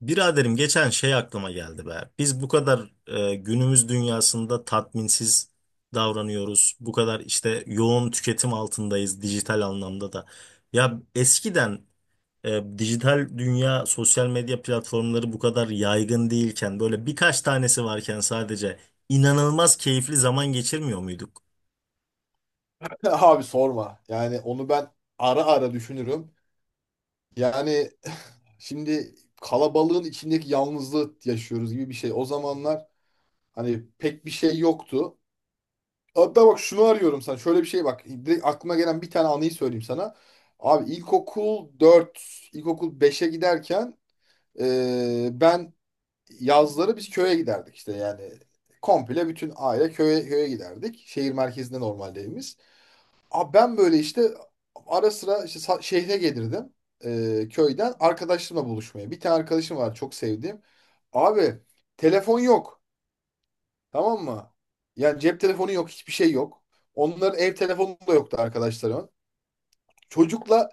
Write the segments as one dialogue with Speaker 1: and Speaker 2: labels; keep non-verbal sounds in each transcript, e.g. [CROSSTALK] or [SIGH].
Speaker 1: Biraderim geçen şey aklıma geldi be. Biz bu kadar günümüz dünyasında tatminsiz davranıyoruz. Bu kadar işte yoğun tüketim altındayız dijital anlamda da. Ya eskiden dijital dünya, sosyal medya platformları bu kadar yaygın değilken, böyle birkaç tanesi varken sadece inanılmaz keyifli zaman geçirmiyor muyduk?
Speaker 2: [LAUGHS] Abi sorma. Yani onu ben ara ara düşünürüm. Yani [SIGHS] şimdi kalabalığın içindeki yalnızlığı yaşıyoruz gibi bir şey. O zamanlar hani pek bir şey yoktu. Hatta bak şunu arıyorum sana. Şöyle bir şey bak. Direkt aklıma gelen bir tane anıyı söyleyeyim sana. Abi ilkokul 4 ilkokul beşe giderken ben yazları biz köye giderdik işte yani. Komple bütün aile köye, köye giderdik. Şehir merkezinde normalde evimiz. Abi ben böyle işte ara sıra işte şehre gelirdim, köyden arkadaşlarımla buluşmaya. Bir tane arkadaşım var çok sevdiğim. Abi telefon yok, tamam mı? Yani cep telefonu yok, hiçbir şey yok. Onların ev telefonu da yoktu arkadaşlarımın. Çocukla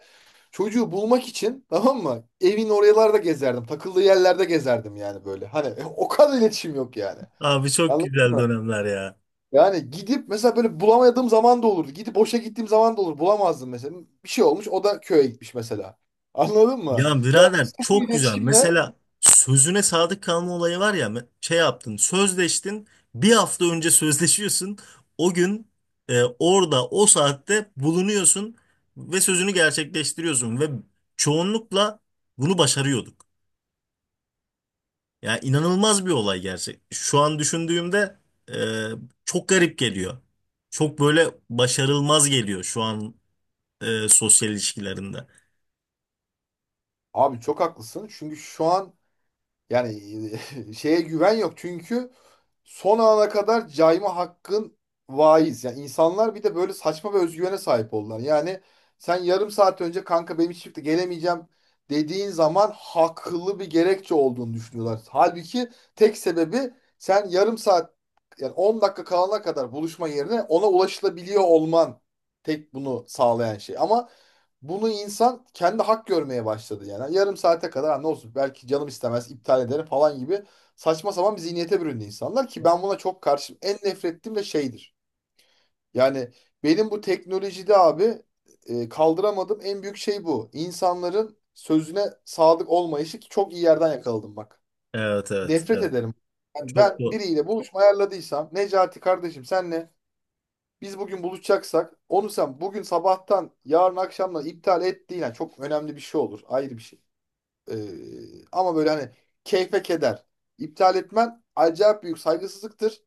Speaker 2: Çocuğu bulmak için, tamam mı? Evin oralarda gezerdim. Takıldığı yerlerde gezerdim yani böyle. Hani [LAUGHS] o kadar iletişim yok yani.
Speaker 1: Abi çok
Speaker 2: Anladın
Speaker 1: güzel
Speaker 2: mı?
Speaker 1: dönemler ya.
Speaker 2: Yani gidip mesela böyle bulamadığım zaman da olurdu. Gidip boşa gittiğim zaman da olur. Bulamazdım mesela. Bir şey olmuş, o da köye gitmiş mesela. [LAUGHS] Anladın mı?
Speaker 1: Ya
Speaker 2: Ya
Speaker 1: birader
Speaker 2: bu
Speaker 1: çok güzel.
Speaker 2: iletişimle
Speaker 1: Mesela sözüne sadık kalma olayı var ya me- şey yaptın, sözleştin, bir hafta önce sözleşiyorsun, o gün orada o saatte bulunuyorsun ve sözünü gerçekleştiriyorsun ve çoğunlukla bunu başarıyorduk. Yani inanılmaz bir olay gerçek. Şu an düşündüğümde e, çok garip geliyor. Çok böyle başarılmaz geliyor şu an sosyal ilişkilerinde.
Speaker 2: abi çok haklısın. Çünkü şu an yani [LAUGHS] şeye güven yok. Çünkü son ana kadar cayma hakkın vaiz. Yani insanlar bir de böyle saçma ve özgüvene sahip oldular. Yani sen yarım saat önce kanka benim hiç çıktı gelemeyeceğim dediğin zaman haklı bir gerekçe olduğunu düşünüyorlar. Halbuki tek sebebi sen yarım saat yani 10 dakika kalana kadar buluşma yerine ona ulaşılabiliyor olman, tek bunu sağlayan şey. Ama bunu insan kendi hak görmeye başladı yani. Yarım saate kadar "Ha, ne olsun belki canım istemez iptal ederim falan gibi saçma sapan bir zihniyete büründü insanlar ki ben buna çok karşıyım. En nefret ettiğim de şeydir. Yani benim bu teknolojide abi kaldıramadığım en büyük şey bu. İnsanların sözüne sadık olmayışı, ki çok iyi yerden yakaladım bak.
Speaker 1: Evet, evet,
Speaker 2: Nefret
Speaker 1: evet.
Speaker 2: ederim. Yani
Speaker 1: Çok
Speaker 2: ben
Speaker 1: doğru.
Speaker 2: biriyle buluşma ayarladıysam, Necati kardeşim, senle biz bugün buluşacaksak onu sen bugün sabahtan yarın akşamdan iptal et değil. Yani çok önemli bir şey olur, ayrı bir şey. Ama böyle hani keyfe keder. İptal etmen acayip büyük saygısızlıktır.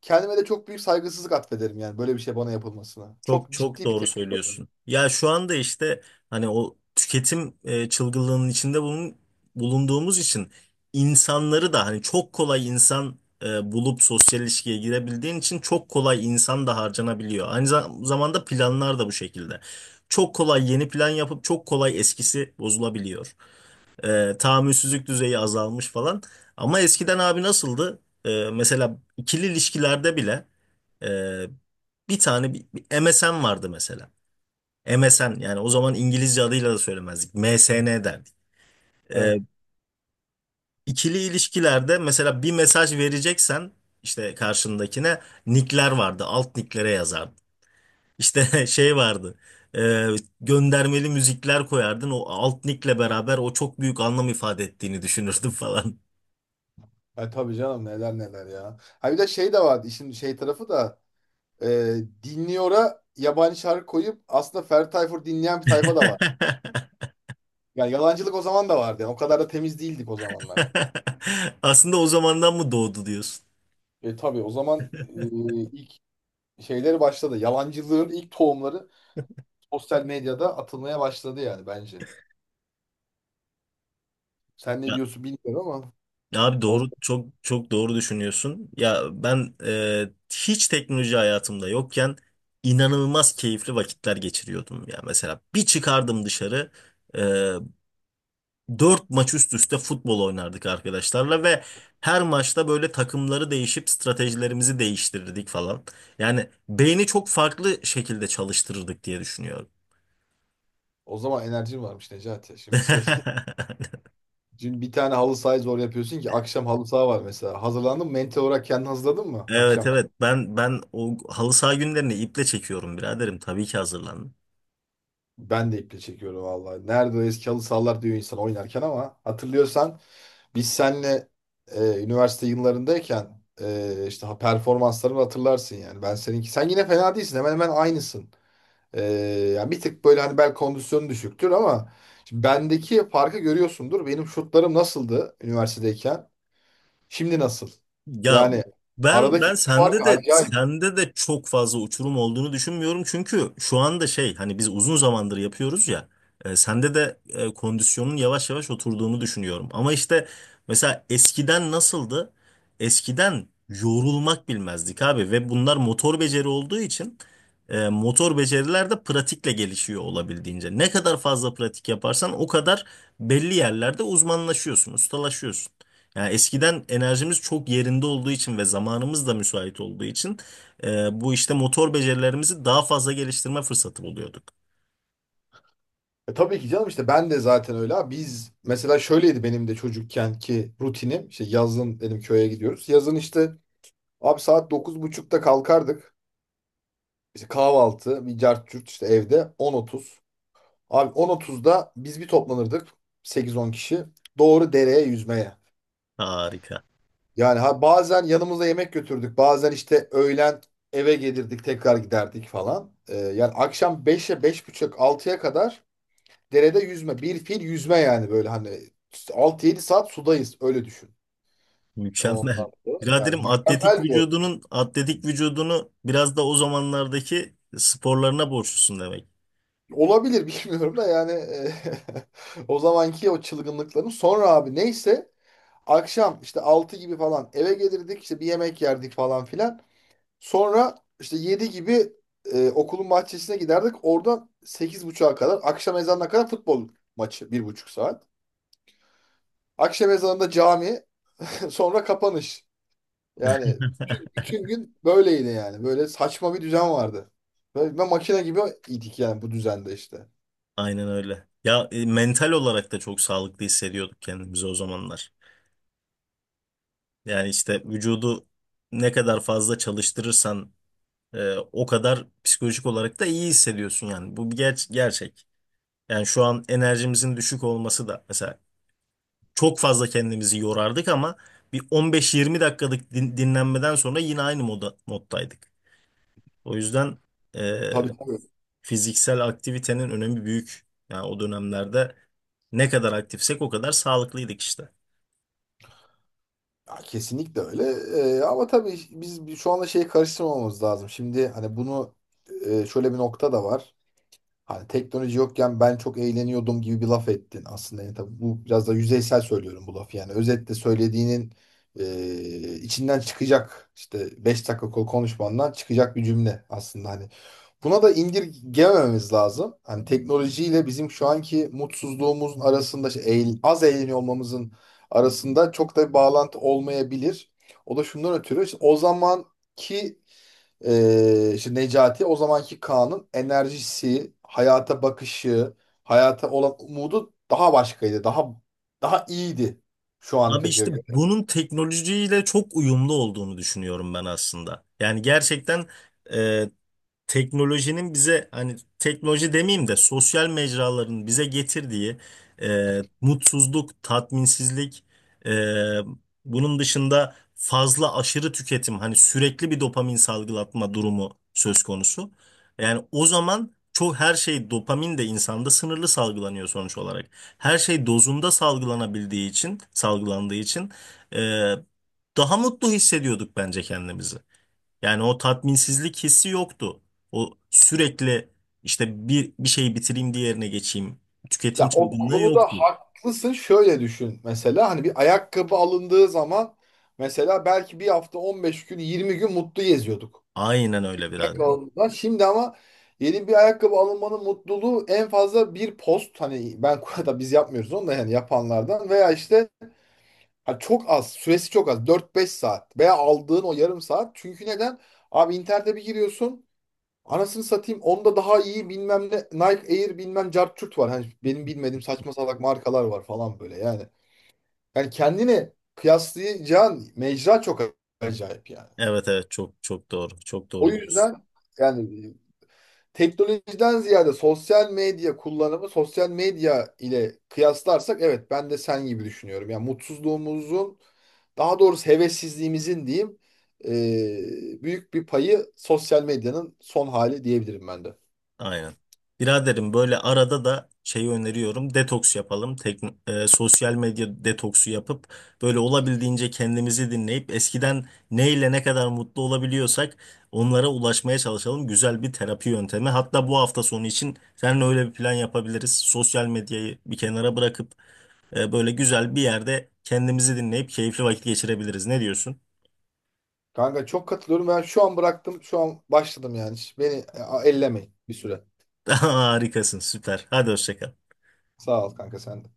Speaker 2: Kendime de çok büyük saygısızlık atfederim yani böyle bir şey bana yapılmasına. Çok
Speaker 1: Çok çok
Speaker 2: ciddi bir
Speaker 1: doğru
Speaker 2: tepki koyarım.
Speaker 1: söylüyorsun. Ya şu anda işte hani o tüketim çılgınlığının içinde bulunduğumuz için insanları da hani çok kolay insan bulup sosyal ilişkiye girebildiğin için çok kolay insan da harcanabiliyor. Aynı zamanda planlar da bu şekilde. Çok kolay yeni plan yapıp çok kolay eskisi bozulabiliyor. Tahammülsüzlük düzeyi azalmış falan. Ama eskiden abi nasıldı? Mesela ikili ilişkilerde bile e, bir tane bir MSN vardı mesela. MSN, yani o zaman İngilizce adıyla da söylemezdik. MSN derdik. Ee,
Speaker 2: Evet.
Speaker 1: ikili ilişkilerde mesela bir mesaj vereceksen işte karşındakine nickler vardı. Alt nicklere yazardın. İşte [LAUGHS] şey vardı. e, Göndermeli müzikler koyardın. O alt nickle beraber o çok büyük anlam ifade ettiğini düşünürdün [LAUGHS] falan.
Speaker 2: E tabii canım, neler neler ya. Ha bir de şey de vardı işin şey tarafı da, e, dinliyora yabancı şarkı koyup aslında Ferdi Tayfur dinleyen bir tayfa da var. Yani yalancılık o zaman da vardı. Yani o kadar da temiz değildik o zamanlar.
Speaker 1: [LAUGHS] Aslında o zamandan mı doğdu diyorsun?
Speaker 2: E tabii o zaman, ilk şeyleri başladı. Yalancılığın ilk tohumları sosyal medyada atılmaya başladı yani bence. Sen ne
Speaker 1: Ya,
Speaker 2: diyorsun bilmiyorum ama
Speaker 1: ya abi
Speaker 2: o,
Speaker 1: doğru, çok çok doğru düşünüyorsun. Ya ben hiç teknoloji hayatımda yokken inanılmaz keyifli vakitler geçiriyordum. Ya mesela bir çıkardım dışarı, e, dört maç üst üste futbol oynardık arkadaşlarla ve her maçta böyle takımları değişip stratejilerimizi değiştirirdik falan. Yani beyni çok farklı şekilde çalıştırırdık diye düşünüyorum.
Speaker 2: o zaman enerjin varmış Necati. Şimdi
Speaker 1: [LAUGHS]
Speaker 2: [LAUGHS] dün bir tane halı sahayı zor yapıyorsun ki akşam halı saha var mesela. Hazırlandın mı? Mental olarak kendini hazırladın mı
Speaker 1: Evet,
Speaker 2: akşam?
Speaker 1: evet, ben o halı saha günlerini iple çekiyorum biraderim, tabii ki hazırlan.
Speaker 2: Ben de iple çekiyorum vallahi. Nerede o eski halı sahalar diyor insan oynarken, ama hatırlıyorsan biz seninle üniversite yıllarındayken, işte performanslarını hatırlarsın yani. Ben seninki. Sen yine fena değilsin. Hemen hemen aynısın. Ee, yani bir tık böyle hani bel kondisyonu düşüktür, ama şimdi bendeki farkı görüyorsundur. Benim şutlarım nasıldı üniversitedeyken? Şimdi nasıl?
Speaker 1: Ya,
Speaker 2: Yani
Speaker 1: ben
Speaker 2: aradaki
Speaker 1: ben
Speaker 2: fark
Speaker 1: sende de
Speaker 2: acayip.
Speaker 1: sende de çok fazla uçurum olduğunu düşünmüyorum. Çünkü şu anda şey, hani biz uzun zamandır yapıyoruz ya. Sende de kondisyonun yavaş yavaş oturduğunu düşünüyorum. Ama işte mesela eskiden nasıldı? Eskiden yorulmak bilmezdik abi ve bunlar motor beceri olduğu için motor beceriler de pratikle gelişiyor olabildiğince. Ne kadar fazla pratik yaparsan o kadar belli yerlerde uzmanlaşıyorsun, ustalaşıyorsun. Yani eskiden enerjimiz çok yerinde olduğu için ve zamanımız da müsait olduğu için bu işte motor becerilerimizi daha fazla geliştirme fırsatı buluyorduk.
Speaker 2: E tabii ki canım, işte ben de zaten öyle abi. Biz mesela şöyleydi benim de çocukken ki rutinim. İşte yazın dedim köye gidiyoruz. Yazın işte abi saat dokuz buçukta kalkardık. İşte kahvaltı, bir cart curt işte evde on otuz. Abi 10.30'da biz bir toplanırdık sekiz on kişi. Doğru dereye yüzmeye.
Speaker 1: Harika.
Speaker 2: Yani ha bazen yanımıza yemek götürdük. Bazen işte öğlen eve gelirdik, tekrar giderdik falan. Yani akşam beşe, beş buçuk altıya kadar derede yüzme. Bir fil yüzme, yani böyle hani 6 yedi saat sudayız, öyle düşün.
Speaker 1: Mükemmel.
Speaker 2: Ondan dolayı, yani
Speaker 1: Biraderim
Speaker 2: mükemmel bir
Speaker 1: atletik vücudunu biraz da o zamanlardaki sporlarına borçlusun demek.
Speaker 2: olabilir [LAUGHS] bilmiyorum da yani [LAUGHS] o zamanki o çılgınlıkların sonra abi neyse akşam işte 6 gibi falan eve gelirdik, işte bir yemek yerdik falan filan. Sonra işte 7 gibi okulun bahçesine giderdik. Oradan 8.30'a kadar, akşam ezanına kadar futbol maçı, bir buçuk saat. Akşam ezanında cami, [LAUGHS] sonra kapanış. Yani
Speaker 1: [LAUGHS]
Speaker 2: bütün, bütün gün böyleydi yani. Böyle saçma bir düzen vardı. Böyle, ve makine gibi idik yani bu düzende işte.
Speaker 1: Aynen öyle. Ya, mental olarak da çok sağlıklı hissediyorduk kendimizi o zamanlar. Yani işte vücudu ne kadar fazla çalıştırırsan o kadar psikolojik olarak da iyi hissediyorsun yani. Bu bir gerçek. Yani şu an enerjimizin düşük olması da mesela, çok fazla kendimizi yorardık ama bir 15-20 dakikalık dinlenmeden sonra yine aynı moddaydık. O yüzden e,
Speaker 2: Tabii, tabii.
Speaker 1: fiziksel aktivitenin önemi büyük. Yani o dönemlerde ne kadar aktifsek o kadar sağlıklıydık işte.
Speaker 2: Ya kesinlikle öyle. Ama tabii biz şu anda şeyi karıştırmamamız lazım. Şimdi hani bunu, şöyle bir nokta da var. Hani teknoloji yokken ben çok eğleniyordum gibi bir laf ettin aslında. Yani tabii bu biraz da yüzeysel söylüyorum bu lafı. Yani özetle söylediğinin içinden çıkacak işte 5 dakika konuşmandan çıkacak bir cümle aslında. Hani buna da indirgemememiz lazım. Hani teknolojiyle bizim şu anki mutsuzluğumuzun arasında, işte az eğleniyor olmamızın arasında çok da bir bağlantı olmayabilir. O da şundan ötürü, işte o zamanki işte Necati, o zamanki Kaan'ın enerjisi, hayata bakışı, hayata olan umudu daha başkaydı. Daha daha iyiydi şu
Speaker 1: Abi
Speaker 2: anki
Speaker 1: işte
Speaker 2: göre.
Speaker 1: bunun teknolojiyle çok uyumlu olduğunu düşünüyorum ben aslında. Yani gerçekten teknolojinin bize, hani teknoloji demeyeyim de sosyal mecraların bize getirdiği mutsuzluk, tatminsizlik, e, bunun dışında fazla aşırı tüketim, hani sürekli bir dopamin salgılatma durumu söz konusu. Yani o zaman çok her şey, dopamin de insanda sınırlı salgılanıyor sonuç olarak. Her şey dozunda salgılandığı için e, daha mutlu hissediyorduk bence kendimizi. Yani o tatminsizlik hissi yoktu. O sürekli işte bir şeyi bitireyim, diğerine geçeyim. Tüketim
Speaker 2: Ya o
Speaker 1: çılgınlığı
Speaker 2: konuda
Speaker 1: yoktu.
Speaker 2: haklısın. Şöyle düşün mesela, hani bir ayakkabı alındığı zaman mesela belki bir hafta, 15 gün, 20 gün mutlu geziyorduk.
Speaker 1: Aynen öyle
Speaker 2: Ayakkabı
Speaker 1: biraderim.
Speaker 2: alındığında. Şimdi ama yeni bir ayakkabı alınmanın mutluluğu en fazla bir post, hani ben [LAUGHS] da biz yapmıyoruz onu da, yani yapanlardan veya işte. Abi çok az. Süresi çok az. Dört beş saat. Veya aldığın o yarım saat. Çünkü neden? Abi internete bir giriyorsun. Anasını satayım. Onda daha iyi bilmem ne. Nike Air bilmem cartçurt var. Hani benim bilmediğim saçma salak markalar var falan böyle yani. Yani kendini kıyaslayacağın mecra çok acayip yani.
Speaker 1: Evet, evet, çok çok doğru. Çok
Speaker 2: O
Speaker 1: doğru diyorsun.
Speaker 2: yüzden yani teknolojiden ziyade sosyal medya kullanımı, sosyal medya ile kıyaslarsak evet, ben de sen gibi düşünüyorum. Yani mutsuzluğumuzun, daha doğrusu hevessizliğimizin diyeyim, büyük bir payı sosyal medyanın son hali diyebilirim ben de.
Speaker 1: Aynen. Biraderim böyle arada da şeyi öneriyorum. Detoks yapalım. Tek, sosyal medya detoksu yapıp böyle olabildiğince kendimizi dinleyip eskiden neyle ne kadar mutlu olabiliyorsak onlara ulaşmaya çalışalım. Güzel bir terapi yöntemi. Hatta bu hafta sonu için seninle öyle bir plan yapabiliriz. Sosyal medyayı bir kenara bırakıp böyle güzel bir yerde kendimizi dinleyip keyifli vakit geçirebiliriz. Ne diyorsun?
Speaker 2: Kanka çok katılıyorum. Ben şu an bıraktım, şu an başladım yani. Hiç beni, ellemeyin bir süre.
Speaker 1: [LAUGHS] Harikasın, süper. Hadi hoşça kal.
Speaker 2: Sağ ol kanka, sen de.